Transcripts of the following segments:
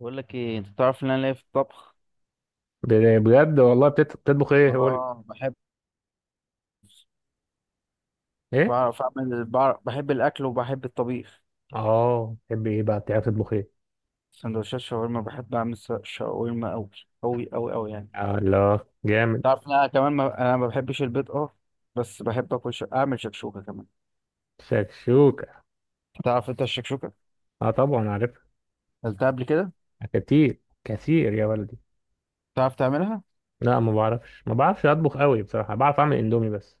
بقول لك ايه، انت تعرف ان انا ليا في الطبخ. بجد والله بتطبخ ايه قول لي؟ اه بحب، ايه بعرف اعمل، بعرف بحب الاكل وبحب الطبيخ. اه تحب ايه بقى؟ بتعرف تطبخ ايه؟ سندوتشات شاورما بحب اعمل شاورما قوي قوي قوي قوي يعني. آه، الله. جامد. تعرف ان انا كمان ما... انا ما بحبش البيض اه، بس بحب اكل اعمل شكشوكه كمان. شكشوكة. تعرف انت الشكشوكه؟ اه طبعا عارفها. قلتها قبل كده. كتير كتير يا ولدي. تعرف تعملها؟ لا ما بعرفش، اطبخ قوي بصراحة، بعرف اعمل اندومي بس.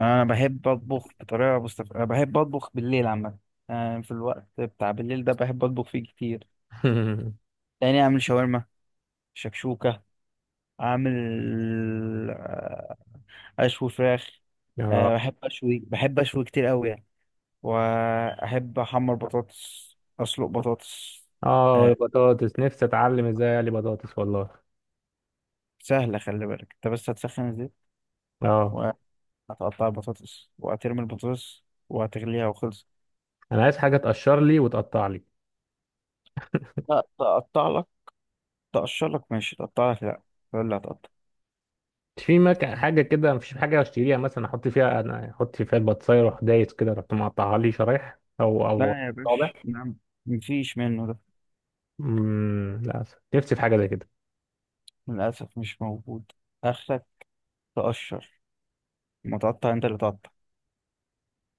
انا بحب اطبخ أنا بحب اطبخ بالليل عامه. أنا في الوقت بتاع بالليل ده بحب اطبخ فيه كتير. يعني اعمل شاورما، شكشوكه، اعمل اشوي فراخ. أه اه. بحب اشوي، بحب اشوي كتير قوي يعني. واحب احمر بطاطس، اسلق بطاطس. اه أه البطاطس نفسي اتعلم ازاي اقلي بطاطس والله. سهله، خلي بالك انت بس هتسخن الزيت اه وهتقطع البطاطس وهترمي البطاطس وهتغليها وخلص. انا عايز حاجة تقشر لي وتقطع لي. لا تقطع لك، تقشر لك ماشي، تقطع لك لا، ولا هتقطع. مش في مك... حاجة كده، مفيش حاجة اشتريها مثلا احط فيها، انا احط فيها البطاطساية واروح دايس كده، رحت مقطعها لي شرايح او لا يا طابع. باشا، نعم، مفيش منه ده. للاسف نفسي في حاجه زي كده. للاسف مش موجود. اخرك تقشر، ما تقطع، انت اللي تقطع.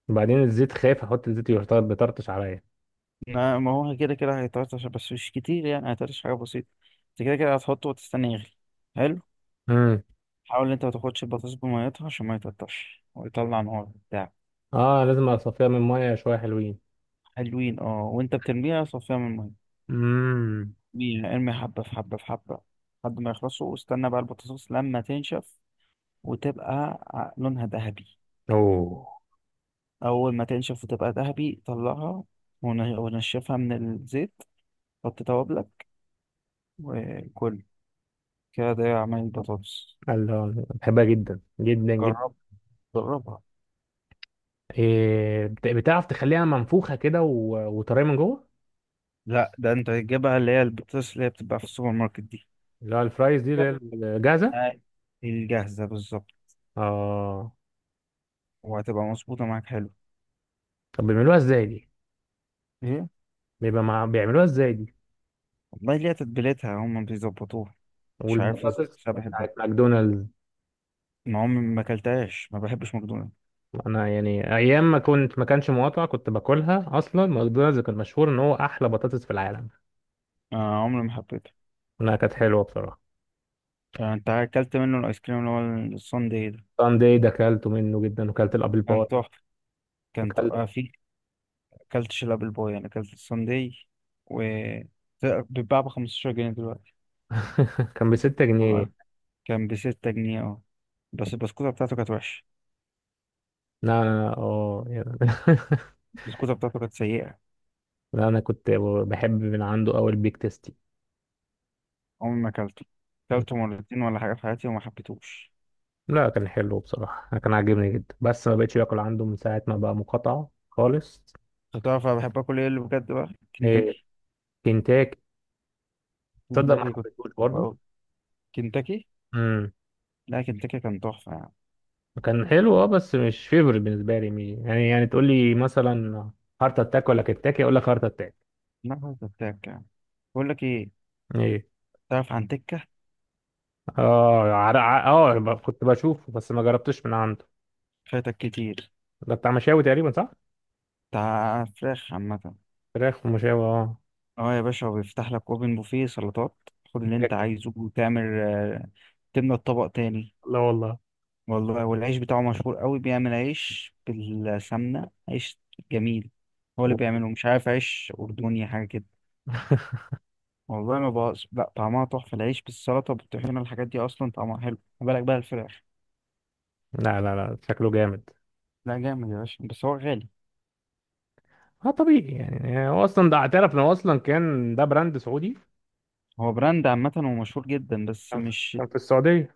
وبعدين الزيت، خايف احط الزيت بيطرطش عليا. ما هو كده كده هيتقطع عشان- بس مش كتير يعني، هيتقطع حاجة بسيطة. انت كده كده هتحطه وتستنى يغلي. حلو. امم حاول انت ما تاخدش البطاطس بميتها عشان ما يتقطعش ويطلع نار بتاع. اه لازم اصفيها من ميه شويه حلوين. حلوين اه، وانت بترميها صفيها من امم. المية. ارمي حبة في حبة في حبة لحد ما يخلصوا، واستنى بقى البطاطس لما تنشف وتبقى لونها ذهبي. اوه. أول ما تنشف وتبقى ذهبي طلعها ونشفها من الزيت، حط توابلك وكل. كده ده عمل البطاطس. الله بحبها جدا جدا جدا. جرب، جربها. إيه، بتعرف تخليها منفوخه كده وطريه من جوه؟ لا، ده انت تجيبها اللي هي البطاطس اللي هي بتبقى في السوبر ماركت دي. اللي هو الفرايز دي اللي هي الجاهزه. آه، الجاهزة بالظبط. اه وهتبقى مظبوطة معاك، حلو. طب بيعملوها ازاي دي؟ ايه بيعملوها ازاي دي؟ والله، ليها تتبيلتها هم بيظبطوها. مش عارف ازاي والبطاطس بس انا بحبها. بتاعت ماكدونالدز؟ ما عمري ما اكلتهاش، ما بحبش ماكدونالدز. انا يعني ايام ما كنت، ما كانش مقاطع، كنت باكلها اصلا. ماكدونالدز كان مشهور ان هو احلى بطاطس في العالم. آه، عمري ما حبيته. انها كانت حلوه بصراحه. آه، انت اكلت منه الايس كريم اللي هو الساندي ده؟ ساندي ده اكلته منه جدا، وكلت الابل باي. كان تحفة، كان تحفة وكلت آه. في اكلتش الابل بوي، انا اكلت الساندي، و ده بيتباع ب 15 جنيه دلوقتي. كان ب 6 جنيه. والله كان ب 6 جنيه اه. بس البسكوتة بتاعته كانت وحشة، لا انا اه يعني البسكوتة بتاعته كانت سيئة. لا انا كنت بحب من عنده قوي البيك تيستي. عمري ما اكلته، اكلته مرتين ولا حاجه في حياتي وما حبيتهوش. لا كان حلو بصراحه، كان عاجبني جدا، بس ما بقتش باكل عنده من ساعه ما بقى مقاطعه خالص. انت تعرف انا بحب اكل ايه اللي بجد بقى؟ ايه؟ كنتاكي، كنتاكي. تصدق ما كنتاكي، كنت حبيتهوش بحبه برضه. قوي. كنتاكي، لا كنتاكي كان تحفه يعني. كان حلو اه بس مش فيفورت بالنسبه لي. يعني يعني تقول لي مثلا هارت اتاك ولا كنتاكي اقول لك هارت اتاك. نفس التاك يعني. بقول لك ايه، ايه؟ تعرف عن تكه؟ كنت بشوفه بس ما جربتش من عنده. فاتك كتير. ده بتاع مشاوي تقريبا صح؟ بتاع فراخ عامه. فراخ ومشاوي اه. اه يا باشا، وبيفتح لك اوبن بوفيه سلطات، خد اللي انت بجاكتك. عايزه وتعمل آه، تملى الطبق تاني. لا والله. والله والعيش بتاعه مشهور قوي، بيعمل عيش بالسمنه، عيش جميل. هو اللي بيعمله مش عارف، عيش اردني حاجه كده. والله ما بقاش، لا طعمها تحفة، العيش بالسلطة والطحينة الحاجات دي أصلا طعمها حلو، ما بالك بقى الفراخ. لا لا لا، شكله جامد. لا جامد يا باشا، بس هو غالي. اه طبيعي يعني، هو اصلا ده اعترف ان هو اصلا كان ده براند سعودي. هو براند عامة ومشهور جدا بس كان في مش. كان في السعوديه.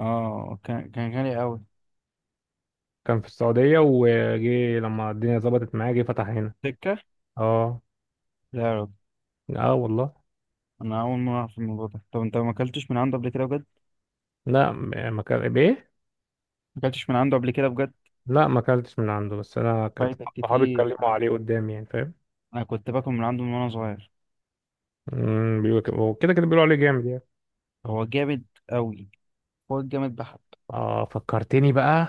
اه كان كان غالي أوي. كان في السعوديه وجي لما الدنيا ظبطت معاه جه فتح هنا سكة. اه. لا يا راجل، اه والله. أنا أول مرة أعرف الموضوع ده. طب أنت ما أكلتش من عنده قبل كده بجد؟ لا م- ما كان بايه. ما أكلتش من عنده قبل كده بجد؟ لا ما اكلتش من عنده، بس انا كنت فايتك صحابي كتير، اتكلموا أنا عليه قدامي، يعني فاهم. أنا كنت باكل من عنده من وأنا صغير. أمم، بيقولوا كده وكده كده، بيقولوا عليه جامد يعني. هو جامد أوي، هو جامد بحت. اه فكرتني بقى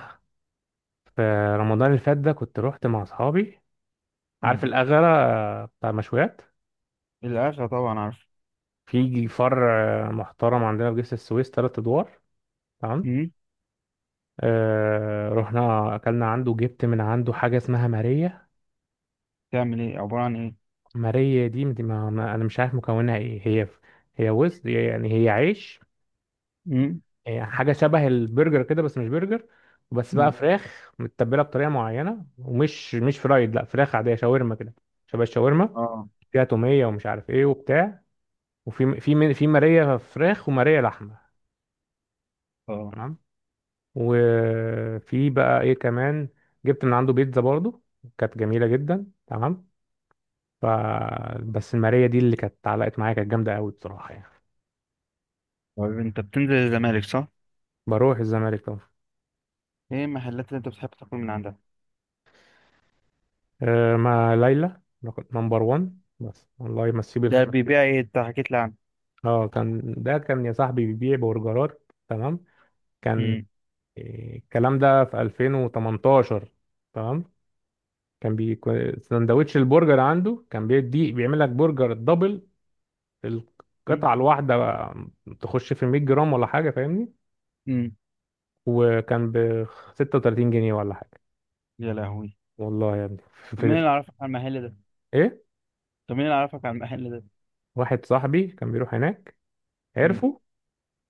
في رمضان اللي فات ده كنت رحت مع اصحابي. عارف مم. الأغرة، آه، بتاع مشويات. الأكلة طبعا عارف. في فرع آه، محترم عندنا في جسر السويس تلات ادوار. تمام. مم. آه رحنا اكلنا عنده، جبت من عنده حاجه اسمها ماريه. تعمل إيه، عبارة عن إيه؟ ماريه دي انا مش عارف مكونها ايه هي. هي وز يعني، هي عيش. مم. هي حاجة شبه البرجر كده بس مش برجر. بس بقى مم. مم. فراخ متبلة بطريقة معينة، ومش مش فرايد، لا فراخ عادية، شاورما كده. شبه الشاورما. اه. فيها تومية ومش عارف ايه وبتاع. في مارية فراخ ومارية لحمة. اه تمام. وفي بقى ايه كمان، جبت من عنده بيتزا برضو كانت جميلة جدا. تمام. ف، بس المارية دي اللي كانت علقت معايا، كانت جامدة قوي بصراحة يعني. طيب انت بتنزل الزمالك صح؟ بروح الزمالك طبعا. ايه المحلات اللي انت بتحب تاكل من عندها؟ أه مع ليلى. نمبر 1 بس، الله يمسيه ده بالخير. بيبيع ايه، انت حكيت لي عنه؟ اه كان ده كان يا صاحبي بيبيع برجرات. تمام. كان مم. إيه، الكلام ده في 2018. تمام. سندوتش البرجر عنده كان بيدي، بيعمل لك برجر دبل. مم. القطعة الواحدة بقى تخش في 100 جرام ولا حاجة، فاهمني. مم. وكان ب 36 جنيه ولا حاجة. يا لهوي. والله يا ابني طب مين اللي عرفك على المحل ده؟ ايه. طب مين اللي عرفك على المحل ده؟ واحد صاحبي كان بيروح هناك، مم. عرفه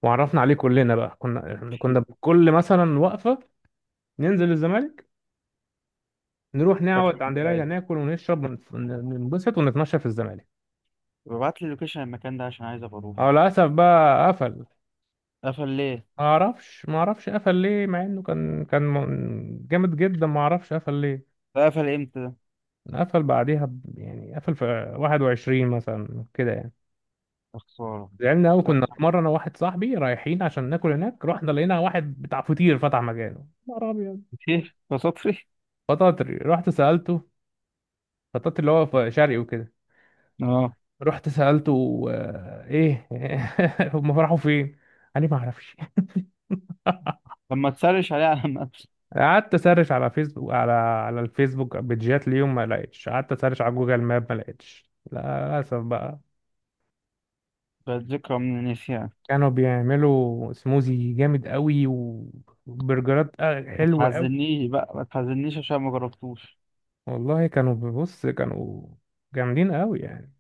وعرفنا عليه كلنا بقى. كنا بكل مثلا وقفة ننزل الزمالك، نروح شكله نقعد من عند ليلى، دلالي. ناكل ونشرب ننبسط ونتمشى في الزمالك. طب ابعت لي لوكيشن المكان ده عشان عايز ابقى اروح. اه للاسف بقى قفل. قفل ليه؟ ما اعرفش، قفل ليه، مع انه جامد جدا. ما اعرفش قفل ليه. ده قفل امتى ده؟ قفل بعديها يعني قفل في 21 مثلا كده يعني. يا خسارة. زعلنا قوي. كنا في مره انا وواحد صاحبي رايحين عشان ناكل هناك، رحنا لقينا واحد بتاع فطير فتح مكانه نهار ابيض. كتير بسطري؟ فطاطري. رحت سالته، فطاطري اللي هو في شرقي وكده. اه. رحت سالته، آه، ايه هم فرحوا فين؟ قال لي ما اعرفش. طب ما تسرش عليه على المابس. قعدت اسرش على فيسبوك، على الفيسبوك، بيجات ليهم ما لقيتش. قعدت اسرش على جوجل ماب، ما لقيتش للاسف بقى. بقت ذكرى من النسيان. كانوا بيعملوا سموزي جامد قوي، وبرجرات آه، ما حلوة قوي. تحزنيش بقى، ما تحزنيش عشان ما جربتوش. والله كانوا، بص كانوا جامدين قوي يعني،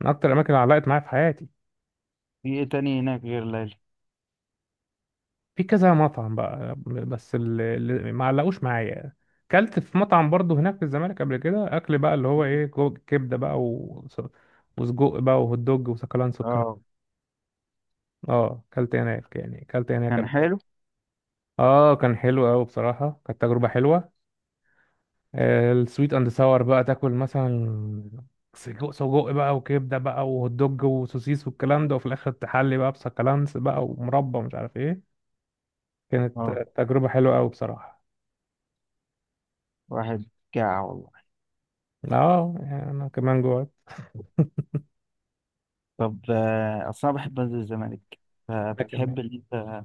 من اكتر الاماكن اللي علقت معايا في حياتي. في ايه تاني هناك غير ليلى؟ في كذا مطعم بقى بس اللي ما علقوش معايا. كلت في مطعم برضه هناك في الزمالك قبل كده. اكل بقى اللي هو ايه، كبده بقى وسجق بقى وهوت دوج وسكالانس. اه. اه اكلت هناك، يعني اكلت هناك كان قبل كده. حلو؟ اه كان حلو قوي بصراحه، كانت تجربه حلوه. آه، السويت اند ساور بقى تاكل مثلا سجق بقى وكبده بقى وهوت دوج وسوسيس والكلام ده، وفي الاخر تحلي بقى بسكالانس بقى ومربى مش عارف ايه. كانت اه. تجربه حلوه قوي بصراحه. واحد جاع والله. اه يعني انا كمان جوعت. طب آه، أصل أنا بحب أنزل الزمالك، انا كمان. فبتحب إن أنت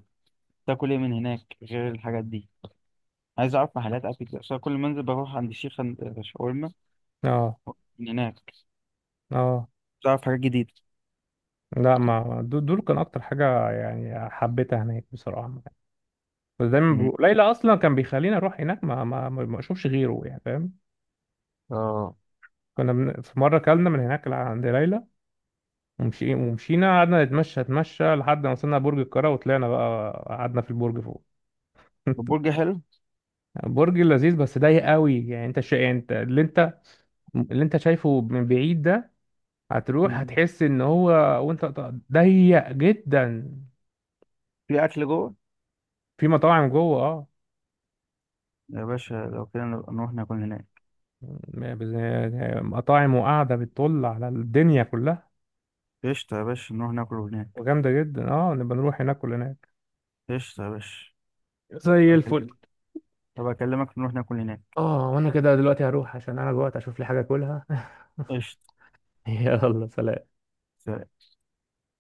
تاكل إيه من هناك غير الحاجات دي. عايز أعرف محلات أكل كده، عشان كل ما أنزل بروح عند الشيخ، عند شاورما اه. من هناك. اه تعرف حاجات جديدة. لا ما دول كان اكتر حاجه يعني حبيتها هناك بصراحه. بس دايما مم. ليلى اصلا كان بيخليني اروح هناك، ما اشوفش غيره، يعني فاهم. آه. في مرة كلنا من هناك عند ليلى، ومشينا قعدنا نتمشى نتمشى لحد ما وصلنا برج القاهرة، وطلعنا بقى قعدنا في البرج فوق. البرجر حلو. برج لذيذ بس ضيق قوي يعني. يعني انت اللي انت شايفه من بعيد ده، هتروح مم. هتحس ان هو، ضيق جدا. في أكل جوه. في مطاعم جوه اه. يا باشا لو كده نبقى نروح ناكل هناك. م- بز- مطاعم وقاعدة بتطل على الدنيا كلها قشطة يا باشا، نروح ناكل هناك. وجامدة جدا. اه نبقى نروح هناك كلنا. قشطة يا باشا. زي الفل. طب أكلمك نروح ناكل هناك. اه وانا كده دلوقتي هروح عشان انا جوعت، اشوف لي حاجه اكلها. قشطة. يلا سلام.